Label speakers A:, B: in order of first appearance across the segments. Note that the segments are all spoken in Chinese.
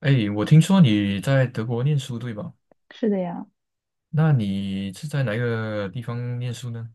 A: 哎，我听说你在德国念书，对吧？
B: 是的呀，
A: 那你是在哪一个地方念书呢？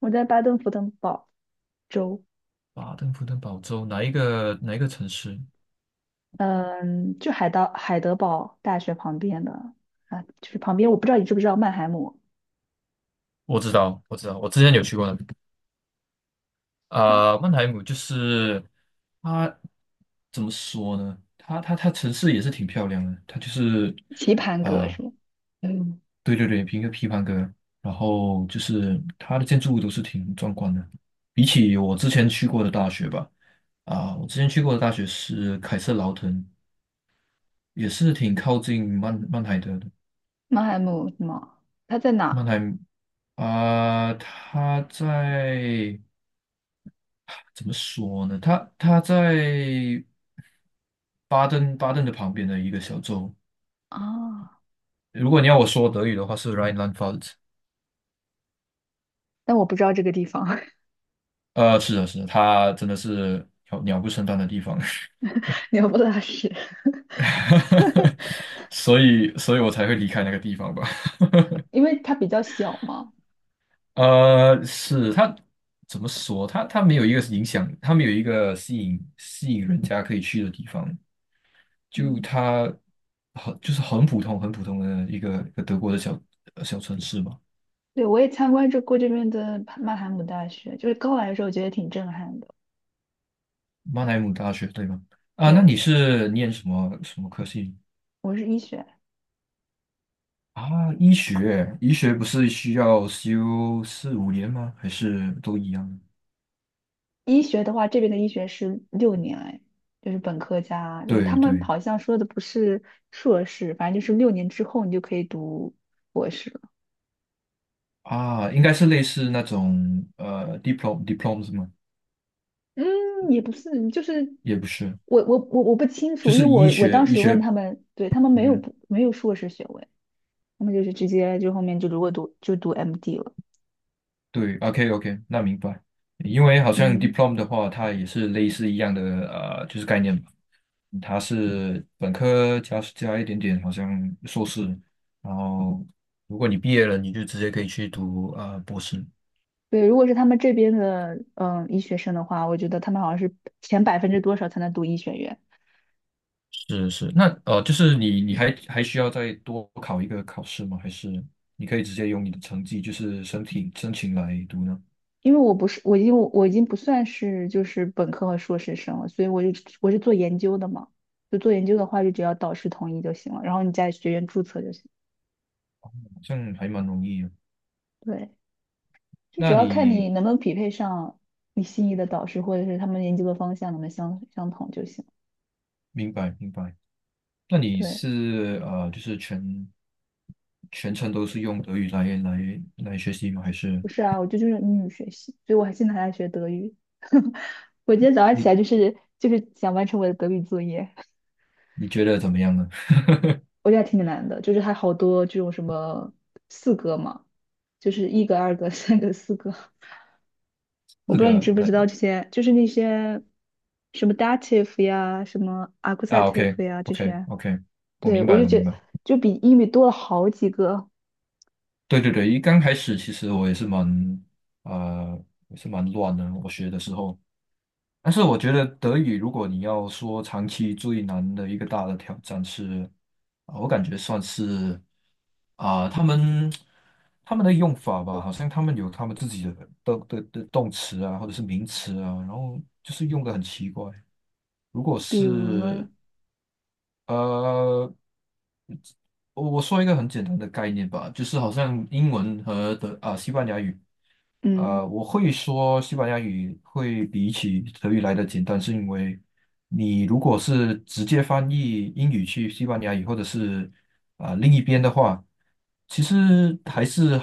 B: 我在巴登符登堡州，
A: 巴登符登堡州哪一个城市？
B: 嗯，就到海德堡大学旁边的啊，就是旁边，我不知道你知不知道曼海姆
A: 我知道，我之前有去过那边。
B: 的
A: 曼海姆就是它，怎么说呢？它城市也是挺漂亮的，它就是
B: 棋盘格
A: 啊、
B: 是吗？嗯，
A: 对对对，一个批判哥，然后就是它的建筑物都是挺壮观的，比起我之前去过的大学吧。啊，我之前去过的大学是凯瑟劳滕，也是挺靠近曼海德的。
B: 曼海姆什么？它在
A: 曼
B: 哪
A: 海他在怎么说呢？他在巴登巴登的旁边的一个小州。
B: 啊？
A: 如果你要我说德语的话，是 Rheinland-Pfalz。
B: 但我不知道这个地方，
A: 是的，是的，他真的是鸟不生蛋的地方，
B: 鸟不拉屎，
A: 所以，所以我才会离开那个地方吧。
B: 因为它比较小嘛。
A: 是他怎么说？他没有一个影响，他没有一个吸引人家可以去的地方。就
B: 嗯，
A: 它就是很普通的一个德国的小小城市嘛，
B: 对，我也参观这过这边的曼海姆大学，就是刚来的时候觉得挺震撼的。
A: 曼海姆大学对吗？啊，那你
B: 对，
A: 是念什么科系
B: 我是医学。
A: 啊？医学，医学不是需要修四五年吗？还是都一样？
B: 医学的话，这边的医学是六年，哎，就是本科加，就是他
A: 对
B: 们
A: 对
B: 好像说的不是硕士，反正就是六年之后你就可以读博士了。
A: 啊，应该是类似那种diplom 是吗？
B: 嗯，也不是，就是
A: 也不是，
B: 我不清
A: 就
B: 楚，因为
A: 是医
B: 我
A: 学
B: 当
A: 医
B: 时问
A: 学，
B: 他们，对他们没有
A: 嗯。
B: 不没有硕士学位，他们就是直接就后面就如果读就读 MD 了。
A: 对，OK OK，那明白。因为好像
B: 嗯，
A: diploma 的话，它也是类似一样的就是概念吧。它是本科加一点点，好像硕士，然后如果你毕业了，你就直接可以去读博士。
B: 对，如果是他们这边的医学生的话，我觉得他们好像是前百分之多少才能读医学院，
A: 是是，那就是你还需要再多考一个考试吗？还是你可以直接用你的成绩，就是申请来读呢？
B: 因为我不是，我已经不算是就是本科和硕士生了，所以我是做研究的嘛，就做研究的话，就只要导师同意就行了，然后你在学院注册就行。
A: 好像还蛮容易的。
B: 对，就只
A: 那
B: 要看
A: 你
B: 你能不能匹配上你心仪的导师，或者是他们研究的方向能不能相同就行。
A: 明白明白。那你
B: 对，
A: 是就是全全程都是用德语来学习吗？还是
B: 不是啊，我就是英语学习，所以我还现在还在学德语。我今天早上起
A: 你
B: 来就是想完成我的德语作业。
A: 你觉得怎么样呢？
B: 我觉得还挺难的，就是还好多这种什么四格嘛，就是一格、二格、三格、四格，我不
A: 四
B: 知道你
A: 个
B: 知不
A: 那
B: 知道这些，就是那些什么 dative 呀、什么
A: 啊，OK
B: accusative 呀这
A: OK
B: 些，
A: OK，我
B: 对
A: 明
B: 我
A: 白
B: 就
A: 我
B: 觉
A: 明
B: 得
A: 白。
B: 就比英语多了好几个，
A: 对对对，一刚开始其实我也是蛮呃也是蛮乱的，我学的时候，但是我觉得德语，如果你要说长期最难的一个大的挑战是，啊，我感觉算是他们他们的用法吧，好像他们有他们自己的动词啊，或者是名词啊，然后就是用的很奇怪。如果
B: 比如呢，
A: 是呃，我说一个很简单的概念吧，就是好像英文和德西班牙语，
B: 嗯，
A: 呃，我会说西班牙语会比起。你如果是直接翻译英语去西班牙语，或者是另一边的话，其实还是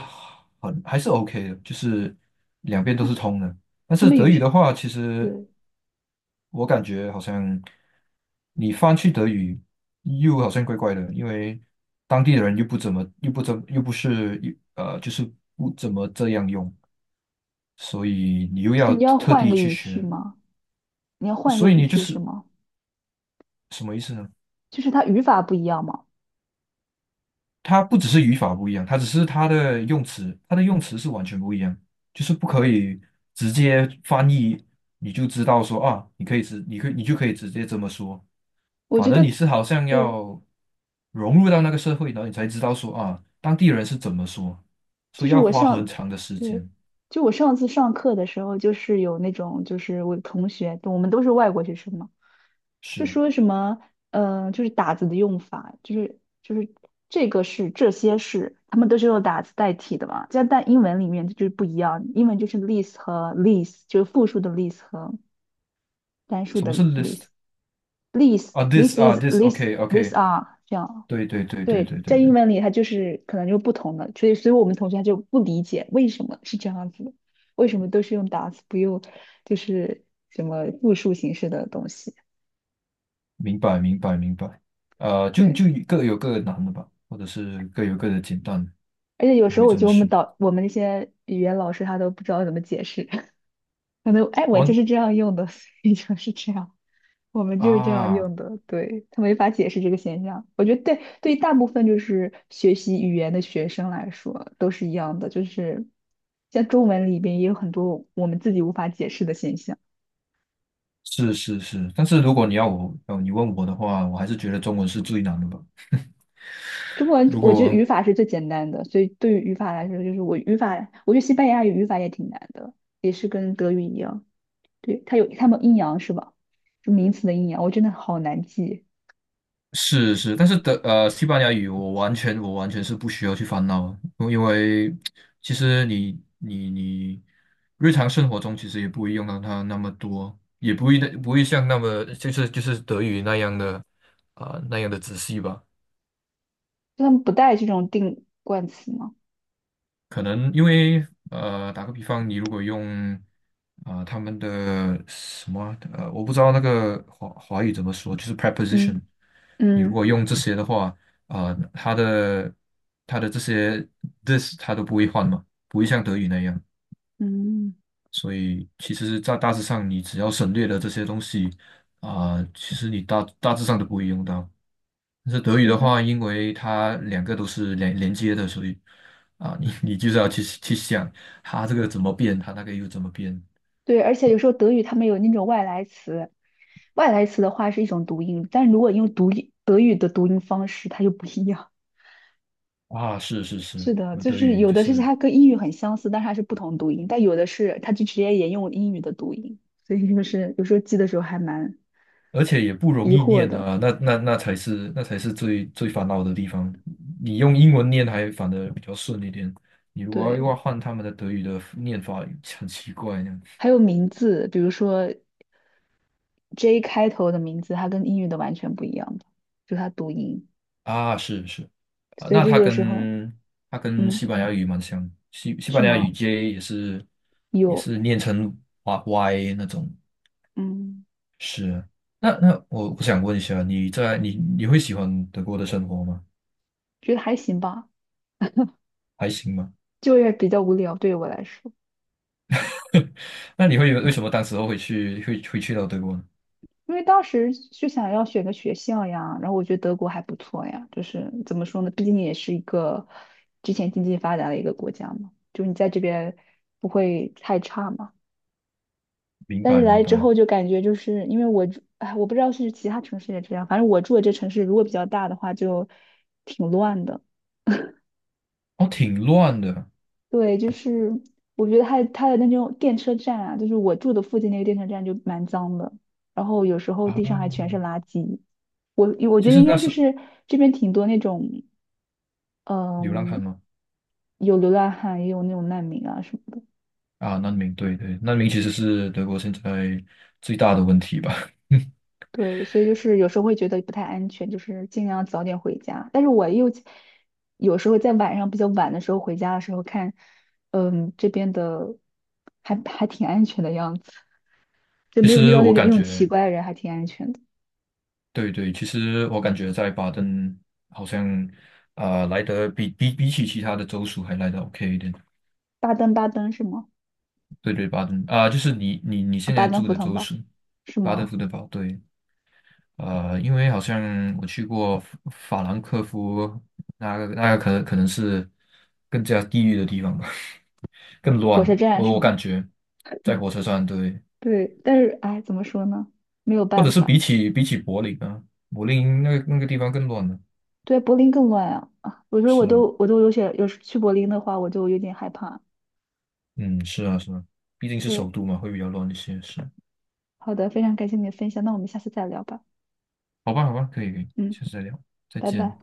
A: 很还是 OK 的，就是两边都是
B: 哎
A: 通的。但
B: 他
A: 是
B: 们
A: 德
B: 语
A: 语的
B: 序，
A: 话，其实
B: 对，
A: 我感觉好像你翻去德语又好像怪怪的，因为当地的人又不怎么又不怎又不是又就是不怎么这样用，所以你又
B: 所以
A: 要
B: 你要
A: 特
B: 换一
A: 地
B: 个
A: 去
B: 语序
A: 学，
B: 吗？你要换一个
A: 所以
B: 语
A: 你就
B: 序是
A: 是
B: 吗？
A: 什么意思呢？
B: 就是它语法不一样嘛，
A: 它不只是语法不一样，它只是它的用词，它的用词是完全不一样，就是不可以直接翻译，你就知道说啊，你就可以直接这么说。
B: 我
A: 反
B: 觉
A: 而
B: 得，
A: 你是好像
B: 对。
A: 要融入到那个社会，然后你才知道说啊，当地人是怎么说，
B: 就
A: 所以
B: 是
A: 要
B: 我
A: 花很
B: 上，
A: 长的时
B: 对，
A: 间。
B: 就我上次上课的时候，就是有那种，就是我的同学，我们都是外国学生嘛，就
A: 是，
B: 说什么，就是打字的用法，就是这些是，他们都是用打字代替的嘛，这样但英文里面就是不一样，英文就是 l i s t 和 l i s t 就是复数的 l i s t 和单数
A: 什么
B: 的
A: 是
B: l i
A: list
B: s t l i s
A: 啊？this
B: this
A: 啊
B: is this this
A: ，this，OK，OK，
B: are 这样。
A: 对对对对
B: 对，
A: 对对
B: 在英
A: 对，
B: 文里它就是可能就不同的，所以我们同学他就不理解为什么是这样子的，为什么都是用 does 不用就是什么复数形式的东西。
A: 明白明白明白。就
B: 对，
A: 就各有各的难的吧，或者是各有各的简单。
B: 而且有
A: 我
B: 时候
A: 会
B: 我
A: 这
B: 觉
A: 么
B: 得我们
A: 说。
B: 导我们那些语言老师他都不知道怎么解释，可能哎我就
A: 哦
B: 是这样用的，所以就是这样。我们就是这样
A: 啊，
B: 用的，对，他没法解释这个现象。我觉得对，对于大部分就是学习语言的学生来说都是一样的，就是像中文里边也有很多我们自己无法解释的现象。
A: 是是是，但是如果你要我，你问我的话，我还是觉得中文是最难的吧。
B: 中文
A: 如
B: 我觉得
A: 果
B: 语法是最简单的，所以对于语法来说，就是我语法，我觉得西班牙语语法也挺难的，也是跟德语一样，对，它有它们阴阳是吧？就名词的阴阳，我真的好难记，
A: 是是，但是德西班牙语我完全是不需要去烦恼，因为因为其实你日常生活中其实也不会用到它那么多，也不会的不会像那么就是德语那样的那样的仔细吧。
B: 就他们不带这种定冠词吗？
A: 可能因为打个比方，你如果用他们的什么我不知道那个华华语怎么说，就是 preposition，
B: 嗯
A: 你如果
B: 嗯
A: 用这些的话，它的它的这些 this 它都不会换嘛，不会像德语那样，
B: 嗯，嗯
A: 所以其实，在大致上，你只要省略了这些东西其实你大大致上都不会用到。但是德语
B: 是
A: 的
B: 的。
A: 话，因为它两个都是连连接的，所以啊，你你就是要去去想它这个怎么变，它那个又怎么变
B: 对，而且有时候德语他们有那种外来词，外来词的话是一种读音，但如果用读音德语的读音方式，它就不一样。
A: 啊？是是 是，
B: 是的，
A: 那
B: 就
A: 德
B: 是
A: 语
B: 有
A: 就
B: 的是
A: 是，
B: 它跟英语很相似，但是它是不同读音，但有的是它就直接沿用英语的读音，所以就是有时候记的时候还蛮
A: 而且也不容
B: 疑
A: 易
B: 惑
A: 念
B: 的。
A: 啊，那那那才是那才是最最烦恼的地方。你用英文念还反的比较顺一点，你如果要
B: 对，
A: 要换他们的德语的念法，很奇怪那样。
B: 还有名字，比如说 J 开头的名字，它跟英语的完全不一样的，就它读音，
A: 啊，是是，啊，
B: 所以
A: 那
B: 就
A: 它
B: 有时候，
A: 跟它跟
B: 嗯，
A: 西班牙语蛮像，西西
B: 是
A: 班牙语
B: 吗？
A: J 也是也
B: 有，
A: 是念成 Y Y 那种，
B: 嗯，
A: 是。那那我我想问一下，你在你你会喜欢德国的生活吗？
B: 觉得还行吧。
A: 还行吗？
B: 就业比较无聊，对于我来说，
A: 那你会为什么当时候会去会会去到德国呢？
B: 因为当时就想要选个学校呀，然后我觉得德国还不错呀，就是怎么说呢，毕竟也是一个之前经济发达的一个国家嘛，就是你在这边不会太差嘛。
A: 明
B: 但是
A: 白明
B: 来之
A: 白，
B: 后就感觉就是因为我住，哎，我不知道是其他城市也这样，反正我住的这城市如果比较大的话就挺乱的。
A: 哦，挺乱的
B: 对，就是我觉得它的那种电车站啊，就是我住的附近那个电车站就蛮脏的，然后有时候地上还全
A: 啊。
B: 是垃圾。我觉
A: 其
B: 得
A: 实
B: 应
A: 那
B: 该就
A: 是
B: 是这边挺多那种，
A: 流浪汉
B: 嗯，
A: 吗？
B: 有流浪汉，也有那种难民啊什么的。
A: 啊，难民，对对，难民其实是德国现在最大的问题吧。
B: 对，所以就是有时候会觉得不太安全，就是尽量早点回家。但是我又有时候在晚上比较晚的时候回家的时候看，这边的还挺安全的样子，就
A: 其
B: 没有遇
A: 实
B: 到那
A: 我
B: 种那
A: 感
B: 种奇
A: 觉，
B: 怪的人，还挺安全的。
A: 对对，其实我感觉在巴登好像来得比比比起其他的州属还来得 OK 一点。
B: 巴登巴登是吗？
A: 对对，巴登就是你你你
B: 啊，
A: 现
B: 巴
A: 在
B: 登
A: 住
B: 符
A: 的
B: 腾
A: 州
B: 堡
A: 属，
B: 是
A: 巴登福
B: 吗？
A: 德堡，对，因为好像我去过法法兰克福，那个那个可能可能是更加地狱的地方吧，更
B: 火
A: 乱
B: 车
A: 的，
B: 站
A: 我
B: 是
A: 我感
B: 吗？
A: 觉在火车上，对，
B: 对，但是哎，怎么说呢？没有
A: 或者
B: 办
A: 是比
B: 法，
A: 起比起柏林啊，柏林那个那个地方更乱了，
B: 对，柏林更乱啊！啊，我说我
A: 是啊。
B: 都我都有些，有时去柏林的话，我就有点害怕。
A: 嗯，是啊，是啊，毕竟是首
B: 对，
A: 都嘛，会比较乱一些。是，
B: 好的，非常感谢你的分享，那我们下次再聊吧。
A: 好吧，好吧，可以，可以，
B: 嗯，
A: 下次再聊，再
B: 拜
A: 见。
B: 拜。